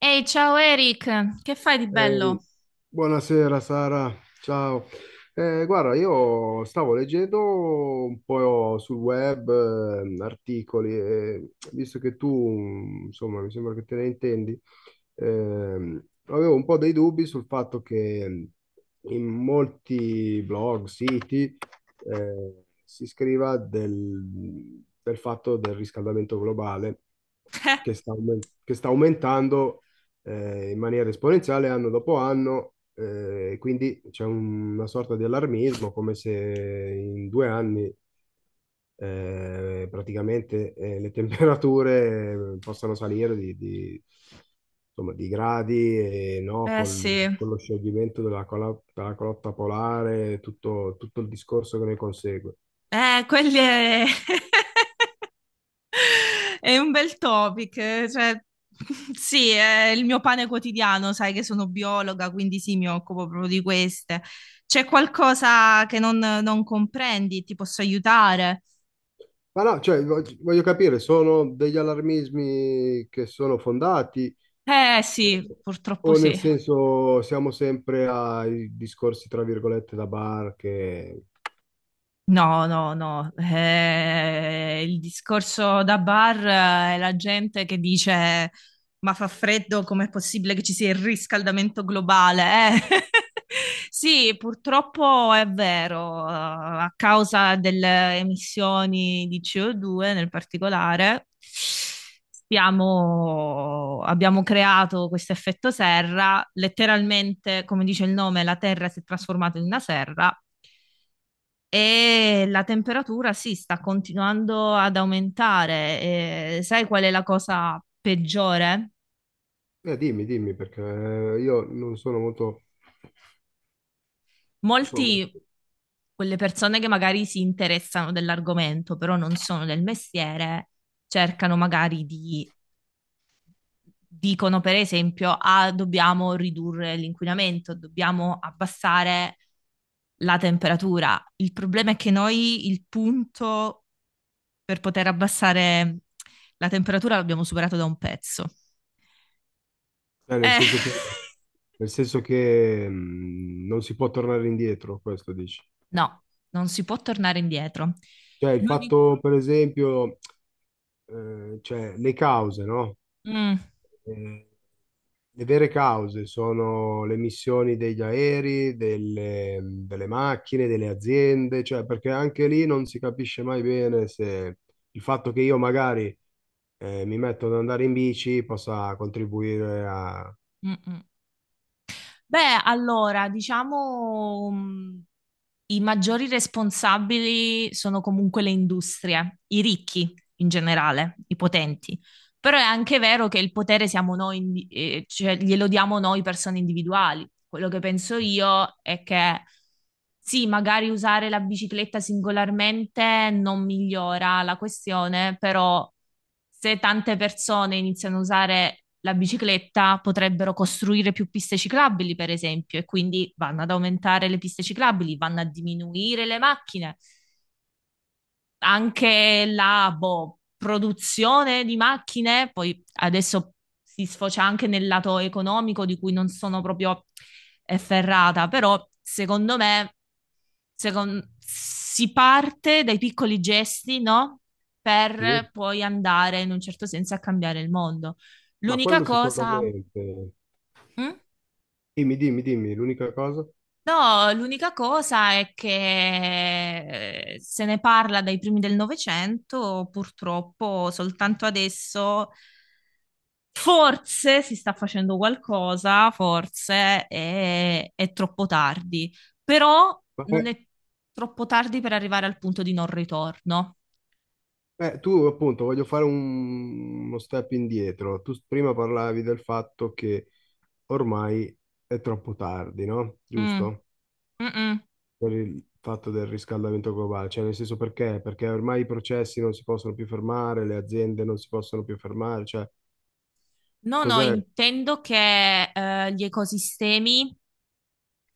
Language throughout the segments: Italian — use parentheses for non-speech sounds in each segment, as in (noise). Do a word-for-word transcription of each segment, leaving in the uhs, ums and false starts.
Ehi, ciao Eric, che fai di Ehi, bello? buonasera Sara, ciao. Eh, guarda, io stavo leggendo un po' sul web eh, articoli e visto che tu, insomma, mi sembra che te ne intendi, ehm, avevo un po' dei dubbi sul fatto che in molti blog, siti, eh, si scriva del, del fatto del riscaldamento globale che (laughs) sta, aumen- che sta aumentando eh, in maniera esponenziale anno dopo anno, eh, quindi c'è un- una sorta di allarmismo, come se in due anni eh, praticamente eh, le temperature eh, possano salire di, di- insomma, di gradi, e, no, Eh eh sì, col- con lo scioglimento della, colo- della calotta polare, tutto, tutto il discorso che ne consegue. eh, quelli è... (laughs) È un bel topic, eh, cioè (laughs) sì, è il mio pane quotidiano, sai che sono biologa, quindi sì, mi occupo proprio di queste. C'è qualcosa che non, non comprendi? Ti posso aiutare? Ma no, cioè, vog- voglio capire, sono degli allarmismi che sono fondati? Eh sì, purtroppo O nel sì. senso, siamo sempre ai discorsi, tra virgolette, da bar che... No, no, no. Eh, il discorso da bar eh, è la gente che dice: "Ma fa freddo, com'è possibile che ci sia il riscaldamento globale, eh?" (laughs) Sì, purtroppo è vero, eh, a causa delle emissioni di ci o due nel particolare, stiamo- abbiamo creato questo effetto serra, letteralmente, come dice il nome, la Terra si è trasformata in una serra e la temperatura sì, sta continuando ad aumentare. E sai qual è la cosa peggiore? Eh, dimmi, dimmi, perché eh, io non sono molto... Insomma, Molti, quelle persone che magari si interessano dell'argomento, però non sono del mestiere, cercano magari di, dicono per esempio: "Ah, dobbiamo ridurre l'inquinamento, dobbiamo abbassare la temperatura". Il problema è che noi il punto per poter abbassare la temperatura l'abbiamo superato da un pezzo. eh, nel Eh, senso che, nel senso che mh, non si può tornare indietro, questo dici. No, non si può tornare indietro. Cioè, il L'uni- fatto, per esempio, eh, cioè, le cause, no? Mm, Eh, Le vere cause sono le emissioni degli aerei, delle, delle macchine, delle aziende, cioè perché anche lì non si capisce mai bene se il fatto che io magari eh, mi metto ad andare in bici possa contribuire a... mm, mm. Beh, allora, diciamo, mm, i maggiori responsabili sono comunque le industrie, i ricchi in generale, i potenti. Però è anche vero che il potere siamo noi, indi- eh, cioè glielo diamo noi persone individuali. Quello che penso io è che sì, magari usare la bicicletta singolarmente non migliora la questione, però se tante persone iniziano a usare la bicicletta, potrebbero costruire più piste ciclabili, per esempio, e quindi vanno ad aumentare le piste ciclabili, vanno a diminuire le macchine. Anche la boh, produzione di macchine, poi adesso si sfocia anche nel lato economico di cui non sono proprio efferrata, però secondo me secon- si parte dai piccoli gesti, no? Sì, Per poi andare in un certo senso a cambiare il mondo. ma L'unica quello cosa, sicuramente. mm? Dimmi, dimmi, dimmi, l'unica cosa. No, l'unica cosa è che eh, se ne parla dai primi del Novecento, purtroppo soltanto adesso forse si sta facendo qualcosa, forse è, è troppo tardi, però Ma, non eh, è troppo tardi per arrivare al punto di non ritorno. Eh, tu appunto voglio fare un- uno step indietro. Tu prima parlavi del fatto che ormai è troppo tardi, no? Mm. Giusto? Mm-mm. Per il fatto del riscaldamento globale, cioè nel senso perché? Perché ormai i processi non si possono più fermare, le aziende non si possono più fermare, cioè No, no, cos'è? intendo che eh, gli ecosistemi.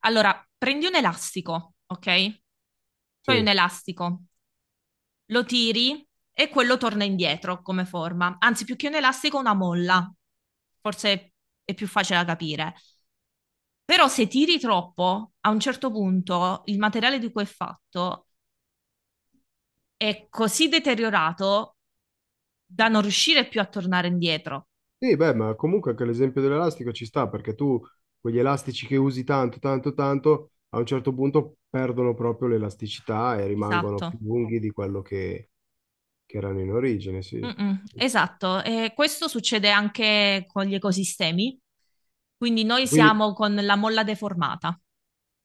Allora, prendi un elastico, ok? Poi un Sì. elastico, lo tiri e quello torna indietro come forma. Anzi, più che un elastico, una molla. Forse è più facile da capire. Però se tiri troppo, a un certo punto il materiale di cui è fatto è così deteriorato da non riuscire più a tornare indietro. Sì, beh, ma comunque anche l'esempio dell'elastico ci sta, perché tu quegli elastici che usi tanto, tanto, tanto, a un certo punto perdono proprio l'elasticità e rimangono più Esatto. lunghi di quello che, che erano in origine, sì. Mm-mm, Sì, sì. esatto, e questo succede anche con gli ecosistemi, quindi noi Quindi, siamo con la molla deformata.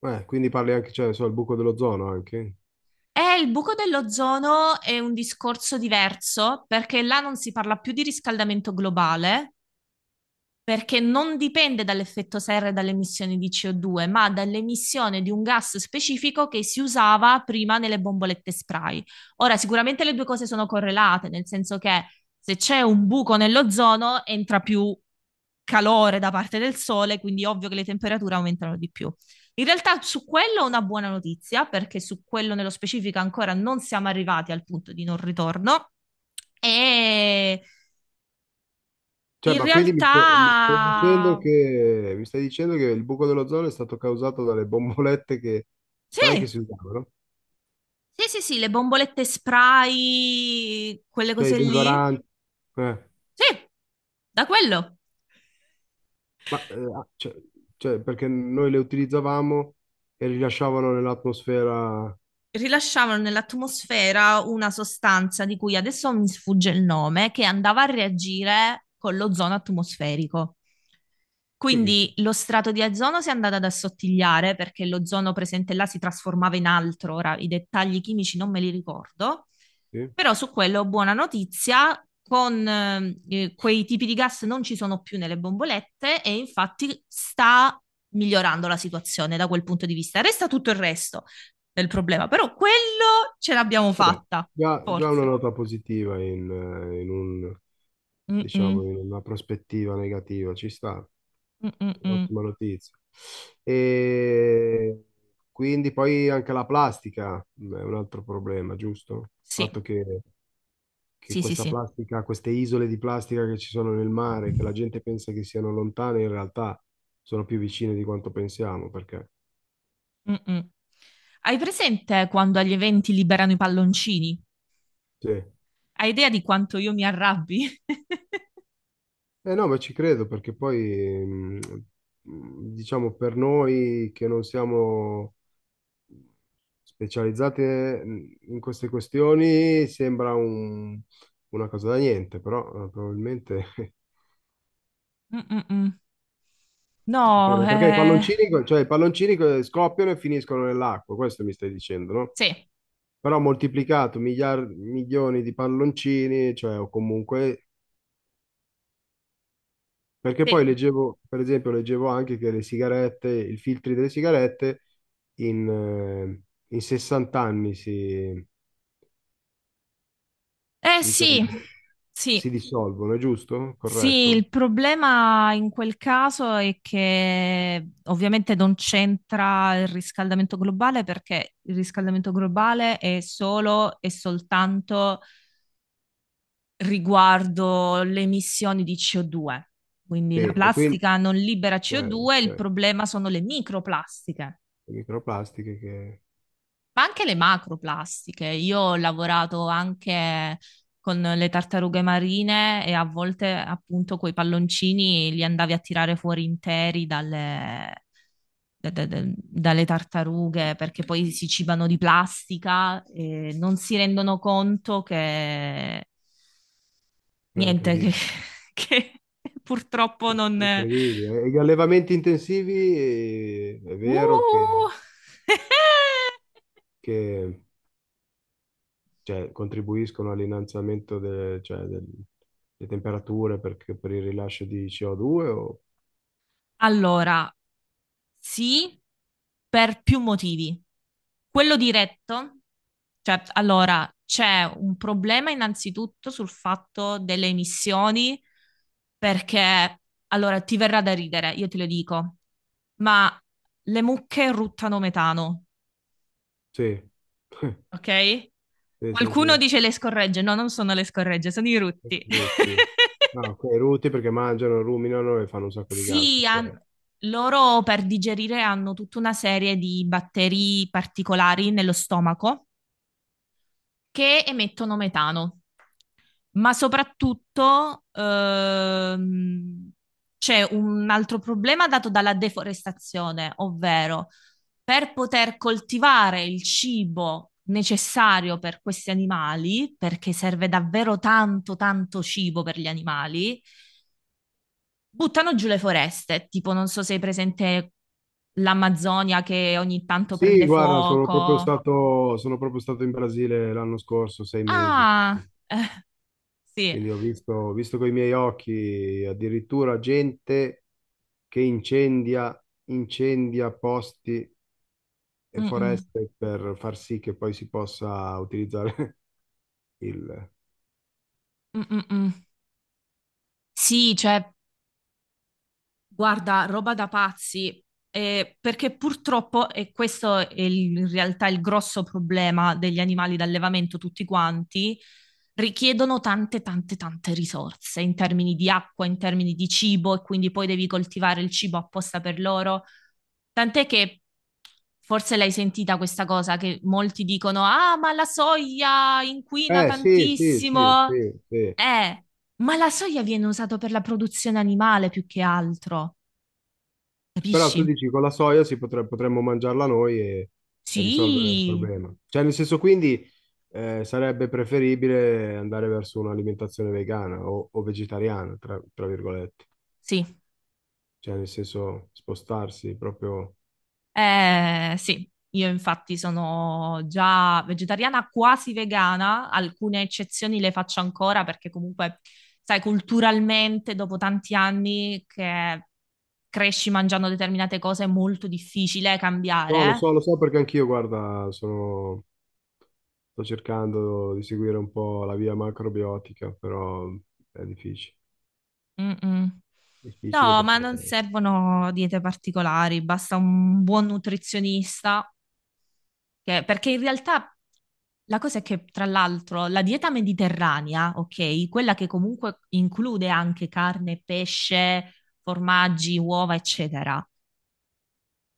eh, quindi parli anche, cioè, non so, il buco dell'ozono anche. E il buco dell'ozono è un discorso diverso perché là non si parla più di riscaldamento globale, perché non dipende dall'effetto serra e dalle emissioni di ci o due, ma dall'emissione di un gas specifico che si usava prima nelle bombolette spray. Ora, sicuramente le due cose sono correlate, nel senso che se c'è un buco nell'ozono, entra più calore da parte del sole, quindi è ovvio che le temperature aumentano di più. In realtà su quello è una buona notizia, perché su quello nello specifico ancora non siamo arrivati al punto di non ritorno. E Cioè, in ma quindi mi realtà stai, mi stai dicendo che, mi stai dicendo che il buco dell'ozono è stato causato dalle bombolette che sparai che sì. si usavano? Sì, sì, sì, le bombolette spray, quelle Cioè, i cose lì. deodoranti. Eh. Sì, da quello. Ma, eh, ah, cioè, cioè, perché noi le utilizzavamo e rilasciavano nell'atmosfera. Rilasciavano nell'atmosfera una sostanza di cui adesso mi sfugge il nome, che andava a reagire con l'ozono atmosferico. Sì, che, Quindi lo strato di ozono si è andato ad assottigliare perché l'ozono presente là si trasformava in altro, ora i dettagli chimici non me li ricordo, sì. però su quello buona notizia, con eh, eh, quei tipi di gas non ci sono più nelle bombolette e infatti sta migliorando la situazione da quel punto di vista. Resta tutto il resto, del problema, però quello ce l'abbiamo Vabbè, fatta, già, già una forse. nota positiva in, eh, in un, Mm-mm, diciamo, in una prospettiva negativa, ci sta. mm-mm-mm. Ottima notizia. E quindi poi anche la plastica è un altro problema, giusto? Il Sì, fatto che, che sì, sì, questa sì. plastica, queste isole di plastica che ci sono nel mare, che la gente pensa che siano lontane, in realtà sono più vicine di quanto pensiamo, perché Mm-mm. Hai presente quando agli eventi liberano i palloncini? sì. Hai idea di quanto io mi arrabbi? (laughs) Eh no, ma ci credo perché poi, mm, mm, diciamo, per noi che non siamo specializzate mm, in queste questioni sembra un- una cosa da niente, però eh, probabilmente (laughs) Mm-mm-mm. ci No, credo. Ma perché i eh... palloncini, cioè, i palloncini che scoppiano e finiscono nell'acqua, questo mi stai dicendo, no? Sì, Però moltiplicato miliar- milioni di palloncini, cioè, o comunque perché poi sì. leggevo, per esempio, leggevo anche che le sigarette, i filtri delle sigarette in, eh, in sessanta anni si, Eh sì, diciamo, si sì. dissolvono, è giusto? Sì, Corretto? il problema in quel caso è che ovviamente non c'entra il riscaldamento globale perché il riscaldamento globale è solo e soltanto riguardo le emissioni di ci o due. Quindi la Sì, e quindi plastica non libera cioè, ci o due, il cioè, problema sono le microplastiche. le microplastiche che Ma anche le macroplastiche. Io ho lavorato anche con le tartarughe marine e a volte appunto quei palloncini li andavi a tirare fuori interi dalle, da- da- da- dalle tartarughe perché poi si cibano di plastica e non si rendono conto che è niente, che, incredibile, (laughs) che purtroppo è non... incredibile. E gli allevamenti intensivi eh, è vero che, Uh! (laughs) che, cioè, contribuiscono all'innalzamento de- cioè, del- delle temperature perché- per il rilascio di C O due o due o Allora, sì, per più motivi. Quello diretto, cioè, allora, c'è un problema innanzitutto sul fatto delle emissioni, perché, allora, ti verrà da ridere, io te lo dico, ma le mucche ruttano metano, sì, (laughs) ok? sì, sì, Qualcuno sì. dice le scorregge, no, non sono le scorregge, sono i rutti. Rutti. (laughs) Ah, ok, rutti perché mangiano, ruminano e fanno un sacco di gas. Sì, han- Ok. loro per digerire hanno tutta una serie di batteri particolari nello stomaco che emettono metano, ma soprattutto ehm, c'è un altro problema dato dalla deforestazione, ovvero per poter coltivare il cibo necessario per questi animali, perché serve davvero tanto, tanto cibo per gli animali. Buttano giù le foreste, tipo non so se hai presente l'Amazzonia che ogni tanto Sì, prende guarda, sono proprio fuoco. stato, sono proprio stato in Brasile l'anno scorso, sei mesi. Ah, sì. Quindi ho visto, ho visto con i miei occhi addirittura gente che incendia, incendia posti e Mm-mm. foreste per far sì che poi si possa utilizzare (laughs) il... Mm-mm-mm. Sì, cioè guarda, roba da pazzi, eh, perché purtroppo, e questo è il- in realtà il grosso problema degli animali d'allevamento tutti quanti, richiedono tante, tante, tante risorse in termini di acqua, in termini di cibo, e quindi poi devi coltivare il cibo apposta per loro. Tant'è che forse l'hai sentita questa cosa che molti dicono: "Ah, ma la soia inquina Eh sì, sì, sì, tantissimo". sì, sì. Eh, ma la soia viene usata per la produzione animale più che altro. Però tu Capisci? dici con la soia si potre- potremmo mangiarla noi e, e risolvere il Sì, problema. Cioè, nel senso, quindi eh, sarebbe preferibile andare verso un'alimentazione vegana o, o vegetariana, tra, tra virgolette. sì, Cioè, nel senso, spostarsi proprio. eh, sì, io infatti sono già vegetariana quasi vegana, alcune eccezioni le faccio ancora perché comunque, sai, culturalmente dopo tanti anni che cresci mangiando determinate cose è molto difficile No, lo cambiare. so, lo so perché anch'io, guarda, sono- sto cercando di seguire un po' la via macrobiotica, però è difficile. Mm, mm. Difficile No, ma perché... non servono diete particolari, basta un buon nutrizionista. Che- perché in realtà la cosa è che, tra l'altro, la dieta mediterranea, ok, quella che comunque include anche carne, pesce, formaggi, uova, eccetera.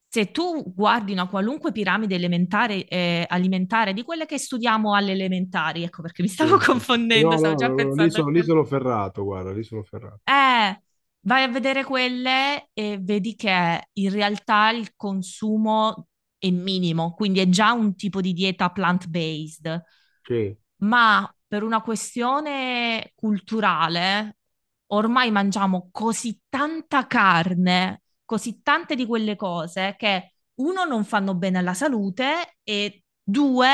Se tu guardi una qualunque piramide elementare, eh, alimentare, di quelle che studiamo alle elementari, ecco perché mi stavo (laughs) Sì, sì, sì. confondendo, No, stavo no, no, già no, lì pensando a sono, lì quello. sono ferrato, guarda, lì sono ferrato. Eh, vai a vedere quelle e vedi che in realtà il consumo è minimo, quindi è già un tipo di dieta plant-based. Sì. Ma per una questione culturale, ormai mangiamo così tanta carne, così tante di quelle cose che uno non fanno bene alla salute e due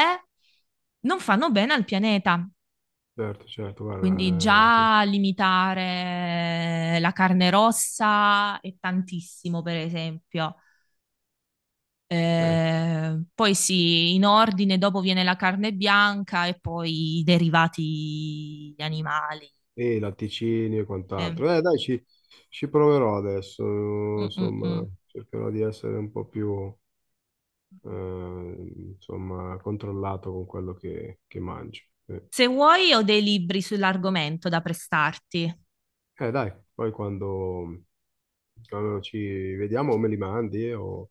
non fanno bene al pianeta. Certo, certo, Quindi guarda, eh, già limitare la carne rossa è tantissimo, per esempio. eh, Eh, poi sì, in ordine, dopo viene la carne bianca e poi i derivati animali. e latticini e Eh, quant'altro. Eh, dai, ci, ci proverò adesso, mm, mm, insomma, mm. cercherò di essere un po' più, eh, insomma, controllato con quello che, che mangio. Eh, Se vuoi, ho dei libri sull'argomento da prestarti. Eh, dai, poi quando, quando ci vediamo o me li mandi eh, o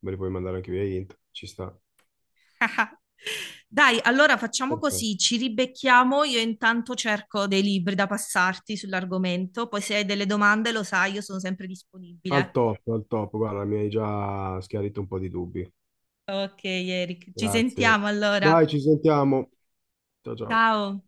me li puoi mandare anche via int, ci sta. (laughs) Dai, allora facciamo Perfetto. così, ci ribecchiamo, io intanto cerco dei libri da passarti sull'argomento, poi se hai delle domande lo sai, io sono sempre Al disponibile. top, al top, guarda, mi hai già schiarito un po' di dubbi. Ok, Eric, ci Grazie. sentiamo allora. Dai, ci sentiamo. Ciao, ciao. Ciao.